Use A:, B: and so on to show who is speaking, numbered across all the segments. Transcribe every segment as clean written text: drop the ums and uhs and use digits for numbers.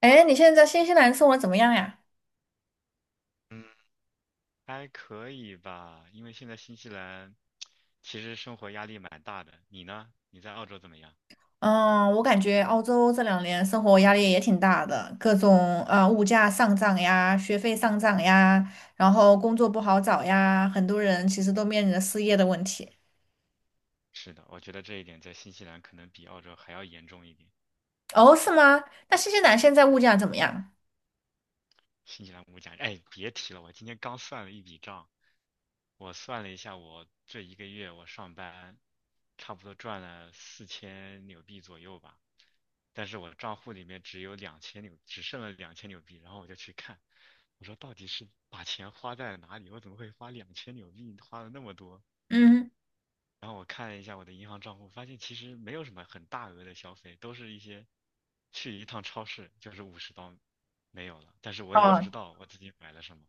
A: 哎，你现在在新西兰生活怎么样呀？
B: 嗯，还可以吧，因为现在新西兰其实生活压力蛮大的。你呢？你在澳洲怎么样？
A: 嗯，我感觉澳洲这2年生活压力也挺大的，各种物价上涨呀，学费上涨呀，然后工作不好找呀，很多人其实都面临着失业的问题。
B: 是的，我觉得这一点在新西兰可能比澳洲还要严重一点。
A: 哦，是吗？那新西兰现在物价怎么样？
B: 新西兰物价，哎，别提了，我今天刚算了一笔账，我算了一下，我这一个月我上班，差不多赚了4000纽币左右吧，但是我账户里面只剩了两千纽币，然后我就去看，我说到底是把钱花在了哪里？我怎么会花两千纽币，花了那么多？
A: 嗯，
B: 然后我看了一下我的银行账户，发现其实没有什么很大额的消费，都是一些去一趟超市就是50刀没有了。但是我也不知
A: 哦，
B: 道我自己买了什么。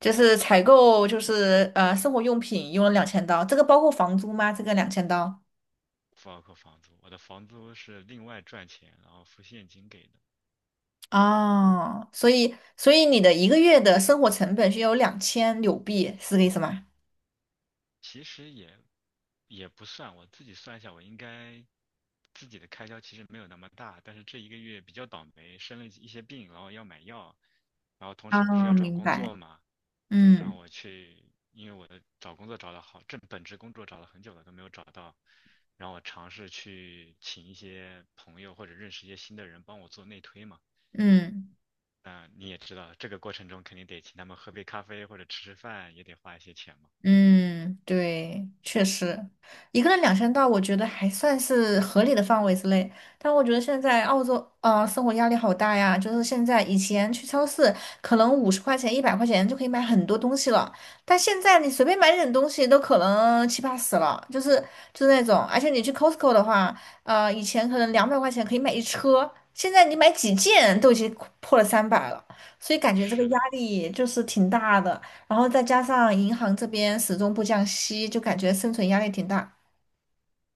A: 就是采购生活用品用了两千刀，这个包括房租吗？这个两千刀？
B: 不包括房租，我的房租是另外赚钱，然后付现金给的。
A: 哦，所以你的一个月的生活成本是有2000纽币，是这个意思吗？
B: 其实也不算，我自己算一下，我应该自己的开销其实没有那么大，但是这一个月比较倒霉，生了一些病，然后要买药，然后同时不是
A: 啊，
B: 要找
A: 明
B: 工
A: 白，
B: 作嘛，对，然后
A: 嗯
B: 我去，因为我的找工作找了好，正本职工作找了很久了都没有找到，然后我尝试去请一些朋友或者认识一些新的人帮我做内推嘛。
A: 嗯。
B: 那你也知道，这个过程中肯定得请他们喝杯咖啡或者吃吃饭，也得花一些钱嘛。
A: 嗯，对，确实，一个人两千到，我觉得还算是合理的范围之内。但我觉得现在澳洲，啊，生活压力好大呀。就是现在，以前去超市可能50块钱、100块钱就可以买很多东西了，但现在你随便买点东西都可能七八十了，就是那种。而且你去 Costco 的话，以前可能200块钱可以买一车，现在你买几件都已经破了300了，所以感觉这个
B: 是
A: 压
B: 的，
A: 力就是挺大的。然后再加上银行这边始终不降息，就感觉生存压力挺大。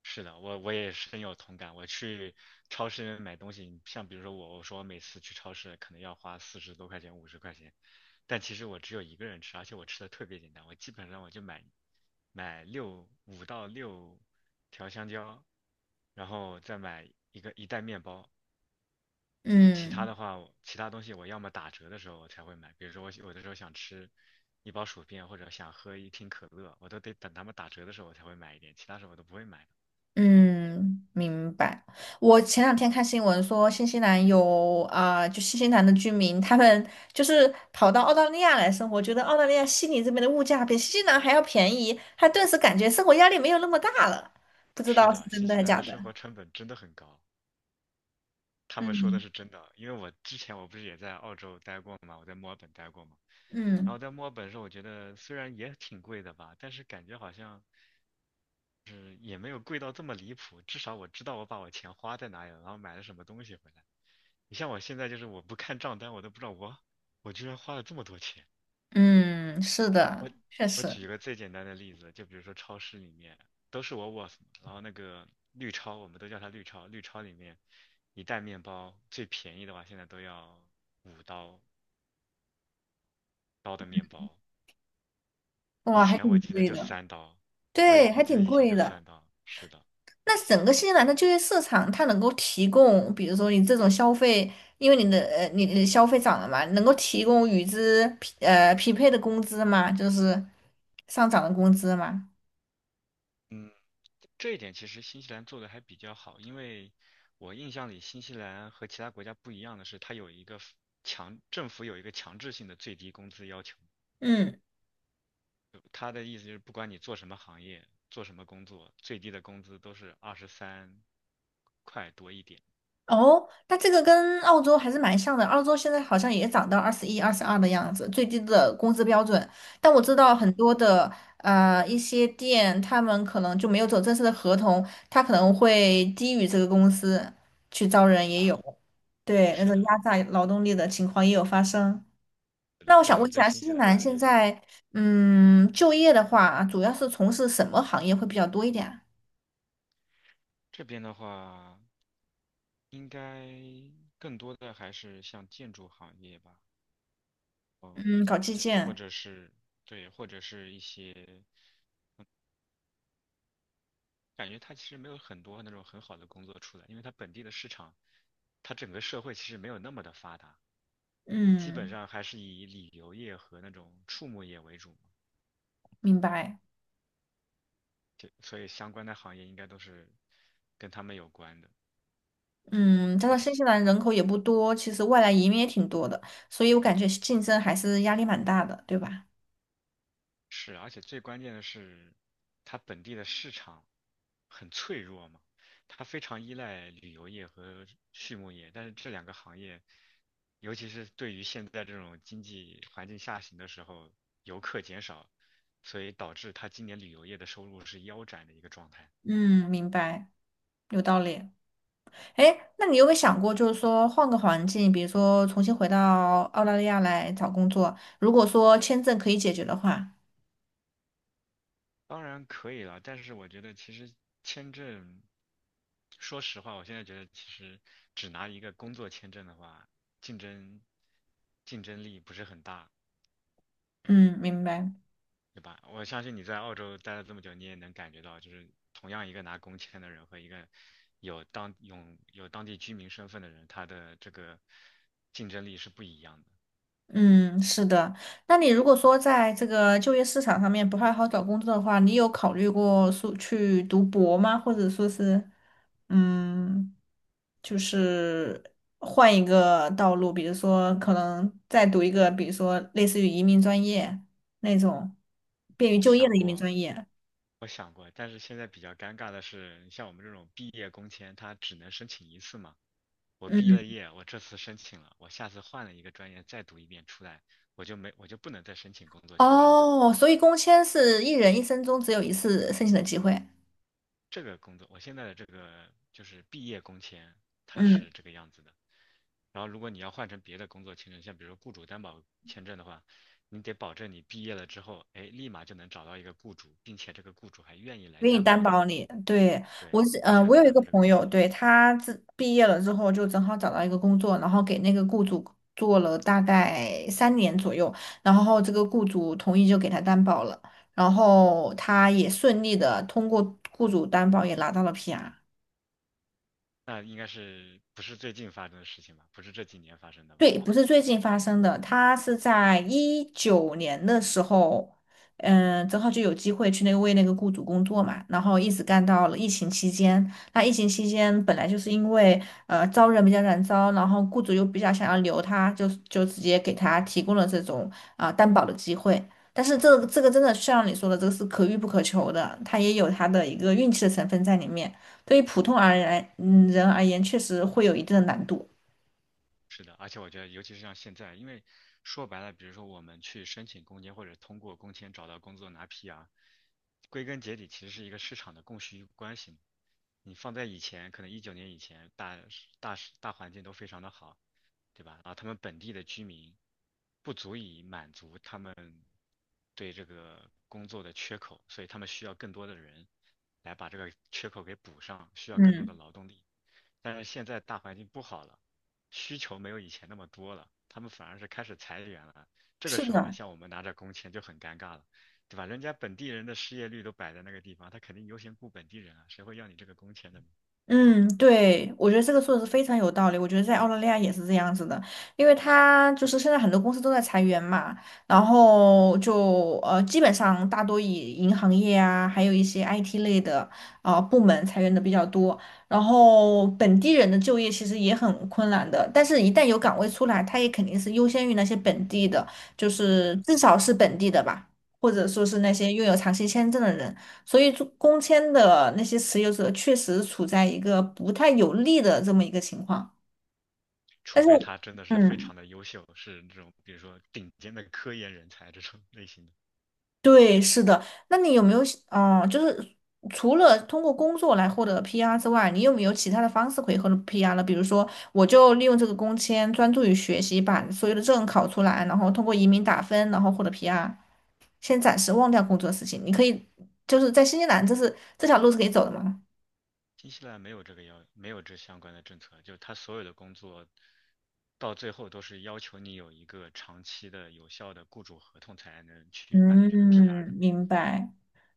B: 是的，我也深有同感。我去超市买东西，像比如说我说我每次去超市可能要花40多块钱、50块钱，但其实我只有一个人吃，而且我吃的特别简单，我基本上我就买五到六条香蕉，然后再买一袋面包。
A: 嗯
B: 其他东西我要么打折的时候我才会买，比如说我有的时候想吃一包薯片或者想喝一听可乐，我都得等他们打折的时候我才会买一点，其他时候我都不会买。
A: 嗯，明白。我前两天看新闻说，新西兰有啊、就新西兰的居民，他们就是跑到澳大利亚来生活，觉得澳大利亚悉尼这边的物价比新西兰还要便宜，他顿时感觉生活压力没有那么大了。不知
B: 是
A: 道是
B: 的，
A: 真
B: 新
A: 的
B: 西
A: 还
B: 兰
A: 假
B: 的
A: 的。
B: 生活成本真的很高，他们说的
A: 嗯
B: 是真的。因为我之前我不是也在澳洲待过嘛，我在墨尔本待过嘛。然
A: 嗯
B: 后在墨尔本的时候，我觉得虽然也挺贵的吧，但是感觉好像是也没有贵到这么离谱。至少我知道我把我钱花在哪里了，然后买了什么东西回来。你像我现在就是我不看账单，我都不知道我居然花了这么多钱。
A: 嗯，是的，确
B: 我
A: 实，
B: 举一个最简单的例子，就比如说超市里面都是我 o o w o s 然后那个绿超，我们都叫它绿超，绿超里面一袋面包最便宜的话，现在都要五刀的面包，以
A: 哇，还
B: 前我
A: 挺
B: 记得
A: 贵
B: 就
A: 的。
B: 三刀，
A: 对，
B: 我
A: 还
B: 记得
A: 挺
B: 以前
A: 贵
B: 就
A: 的。
B: 三刀，是的，
A: 那整个新西兰的就业市场，它能够提供，比如说你这种消费，因为你的你的消费涨了嘛，能够提供与之匹配的工资嘛，就是上涨的工资嘛，
B: 嗯，这一点其实新西兰做的还比较好，因为我印象里新西兰和其他国家不一样的是，它有一个 f- 强，政府有一个强制性的最低工资要求。
A: 嗯。
B: 他的意思就是，不管你做什么行业、做什么工作，最低的工资都是23块多一点
A: 哦，那这个跟澳洲还是蛮像的。澳洲现在好像也涨到21、22的样子，最低的工资标准。但我知道很
B: 啊
A: 多的一些店，他们可能就没有走正式的合同，他可能会低于这个公司去招人，也
B: 啊。
A: 有。对，那
B: 是
A: 种
B: 的，
A: 压榨劳动力的情况也有发生。
B: 是
A: 那
B: 的，
A: 我想
B: 但
A: 问
B: 是
A: 一
B: 在
A: 下，
B: 新
A: 新
B: 西
A: 西
B: 兰
A: 兰
B: 这
A: 现
B: 边，
A: 在就业的话，主要是从事什么行业会比较多一点啊？
B: 这边的话，应该更多的还是像建筑行业吧，嗯，
A: 嗯，搞基
B: 这或
A: 建。
B: 者是对，或者是一些感觉它其实没有很多那种很好的工作出来，因为它本地的市场，它整个社会其实没有那么的发达，基本
A: 嗯，
B: 上还是以旅游业和那种畜牧业为主嘛，
A: 明白。
B: 就所以相关的行业应该都是跟他们有关的。
A: 嗯，加上新西兰人口也不多，其实外来移民也挺多的，所以我感觉竞争还是压力蛮大的，对吧？
B: 是，而且最关键的是，它本地的市场很脆弱嘛，它非常依赖旅游业和畜牧业，但是这两个行业，尤其是对于现在这种经济环境下行的时候，游客减少，所以导致它今年旅游业的收入是腰斩的一个状态。
A: 嗯，明白，有道理。哎，那你有没有想过，就是说换个环境，比如说重新回到澳大利亚来找工作，如果说签证可以解决的话，
B: 当然可以了，但是我觉得其实签证，说实话，我现在觉得其实只拿一个工作签证的话，竞争竞争力不是很大，
A: 嗯，明白。
B: 对吧？我相信你在澳洲待了这么久，你也能感觉到，就是同样一个拿工签的人和一个有当有有当地居民身份的人，他的这个竞争力是不一样的。
A: 嗯，是的。那你如果说在这个就业市场上面不太好找工作的话，你有考虑过说去读博吗？或者说是，嗯，就是换一个道路，比如说可能再读一个，比如说类似于移民专业那种便于
B: 我
A: 就业
B: 想
A: 的移民
B: 过，
A: 专业。
B: 我想过，但是现在比较尴尬的是，你像我们这种毕业工签，它只能申请一次嘛。我毕
A: 嗯，
B: 了业，我这次申请了，我下次换了一个专业再读一遍出来，我就不能再申请工作签证了。
A: 哦，所以工签是一人一生中只有一次申请的机会。
B: 这个工作，我现在的这个就是毕业工签，它
A: 嗯。
B: 是这个样子的。然后如果你要换成别的工作签证，像比如说雇主担保签证的话，你得保证你毕业了之后，哎，立马就能找到一个雇主，并且这个雇主还愿意
A: 我
B: 来
A: 给你
B: 担
A: 担
B: 保你，
A: 保你，对，我
B: 对，
A: 是，
B: 你
A: 嗯、
B: 才
A: 我
B: 能
A: 有一
B: 拿
A: 个
B: 到这个
A: 朋
B: 工
A: 友，
B: 钱。
A: 对，他自毕业了之后就正好找到一个工作，然后给那个雇主做了大概3年左右，然后这个雇主同意就给他担保了，然后他也顺利的通过雇主担保也拿到了 PR。
B: 那应该是不是最近发生的事情吧？不是这几年发生的吧？
A: 对，不是最近发生的，他是在19年的时候，嗯，正好就有机会去那个为那个雇主工作嘛，然后一直干到了疫情期间。那疫情期间本来就是因为招人比较难招，然后雇主又比较想要留他，就直接给他提供了这种啊、担保的机会。但是这个真的像你说的，这个是可遇不可求的，他也有他的一个运气的成分在里面。对于普通而言，嗯，人而言确实会有一定的难度。
B: 是的，而且我觉得，尤其是像现在，因为说白了，比如说我们去申请工签或者通过工签找到工作拿 PR，归根结底其实是一个市场的供需关系嘛。你放在以前，可能一九年以前，大环境都非常的好，对吧？然后他们本地的居民不足以满足他们对这个工作的缺口，所以他们需要更多的人来把这个缺口给补上，需要更多的
A: 嗯，
B: 劳动力。但是现在大环境不好了。需求没有以前那么多了，他们反而是开始裁员了。这个
A: 是
B: 时候呢，
A: 的。
B: 像我们拿着工签就很尴尬了，对吧？人家本地人的失业率都摆在那个地方，他肯定优先雇本地人啊，谁会要你这个工签的呢？
A: 嗯，对，我觉得这个说的是非常有道理。我觉得在澳大利亚也是这样子的，因为它就是现在很多公司都在裁员嘛，然后就基本上大多以银行业啊，还有一些 IT 类的部门裁员的比较多。然后本地人的就业其实也很困难的，但是一旦有岗位出来，它也肯定是优先于那些本地的，就
B: 是
A: 是
B: 的，
A: 至少是本地的吧，或者说是那些拥有长期签证的人。所以做工签的那些持有者确实处在一个不太有利的这么一个情况。
B: 除
A: 但是，
B: 非他真的是非
A: 嗯，
B: 常的优秀，是这种比如说顶尖的科研人才这种类型的。
A: 对，是的。那你有没有，嗯，就是除了通过工作来获得 PR 之外，你有没有其他的方式可以获得 PR 呢？比如说，我就利用这个工签专注于学习，把所有的证考出来，然后通过移民打分，然后获得 PR。先暂时忘掉工作的事情，你可以就是在新西兰，这条路是可以走的吗？
B: 新西兰没有这个要，没有这相关的政策，就他所有的工作到最后都是要求你有一个长期的有效的雇主合同才能去办理这个 PR
A: 嗯，
B: 的。
A: 明白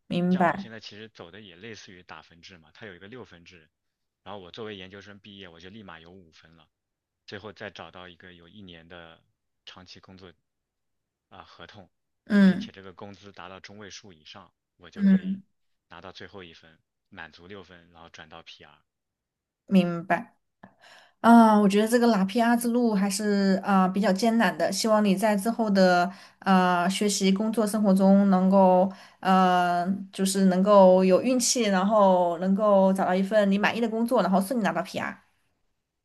A: 明
B: 像我
A: 白。
B: 现在其实走的也类似于打分制嘛，它有一个6分制，然后我作为研究生毕业，我就立马有5分了，最后再找到一个有1年的长期工作啊、合同，并
A: 嗯
B: 且这个工资达到中位数以上，我就可以
A: 嗯，
B: 拿到最后1分，满足六分，然后转到 PR。
A: 明白。啊，我觉得这个拿 PR 之路还是啊、比较艰难的，希望你在之后的学习、工作、生活中能够呃，就是能够有运气，然后能够找到一份你满意的工作，然后顺利拿到 PR。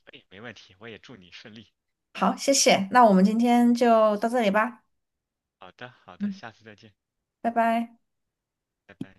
B: 哎，没问题，我也祝你顺利。
A: 好，谢谢。那我们今天就到这里吧。
B: 好的，好的，
A: 嗯，
B: 下次再见，
A: 拜拜。
B: 拜拜。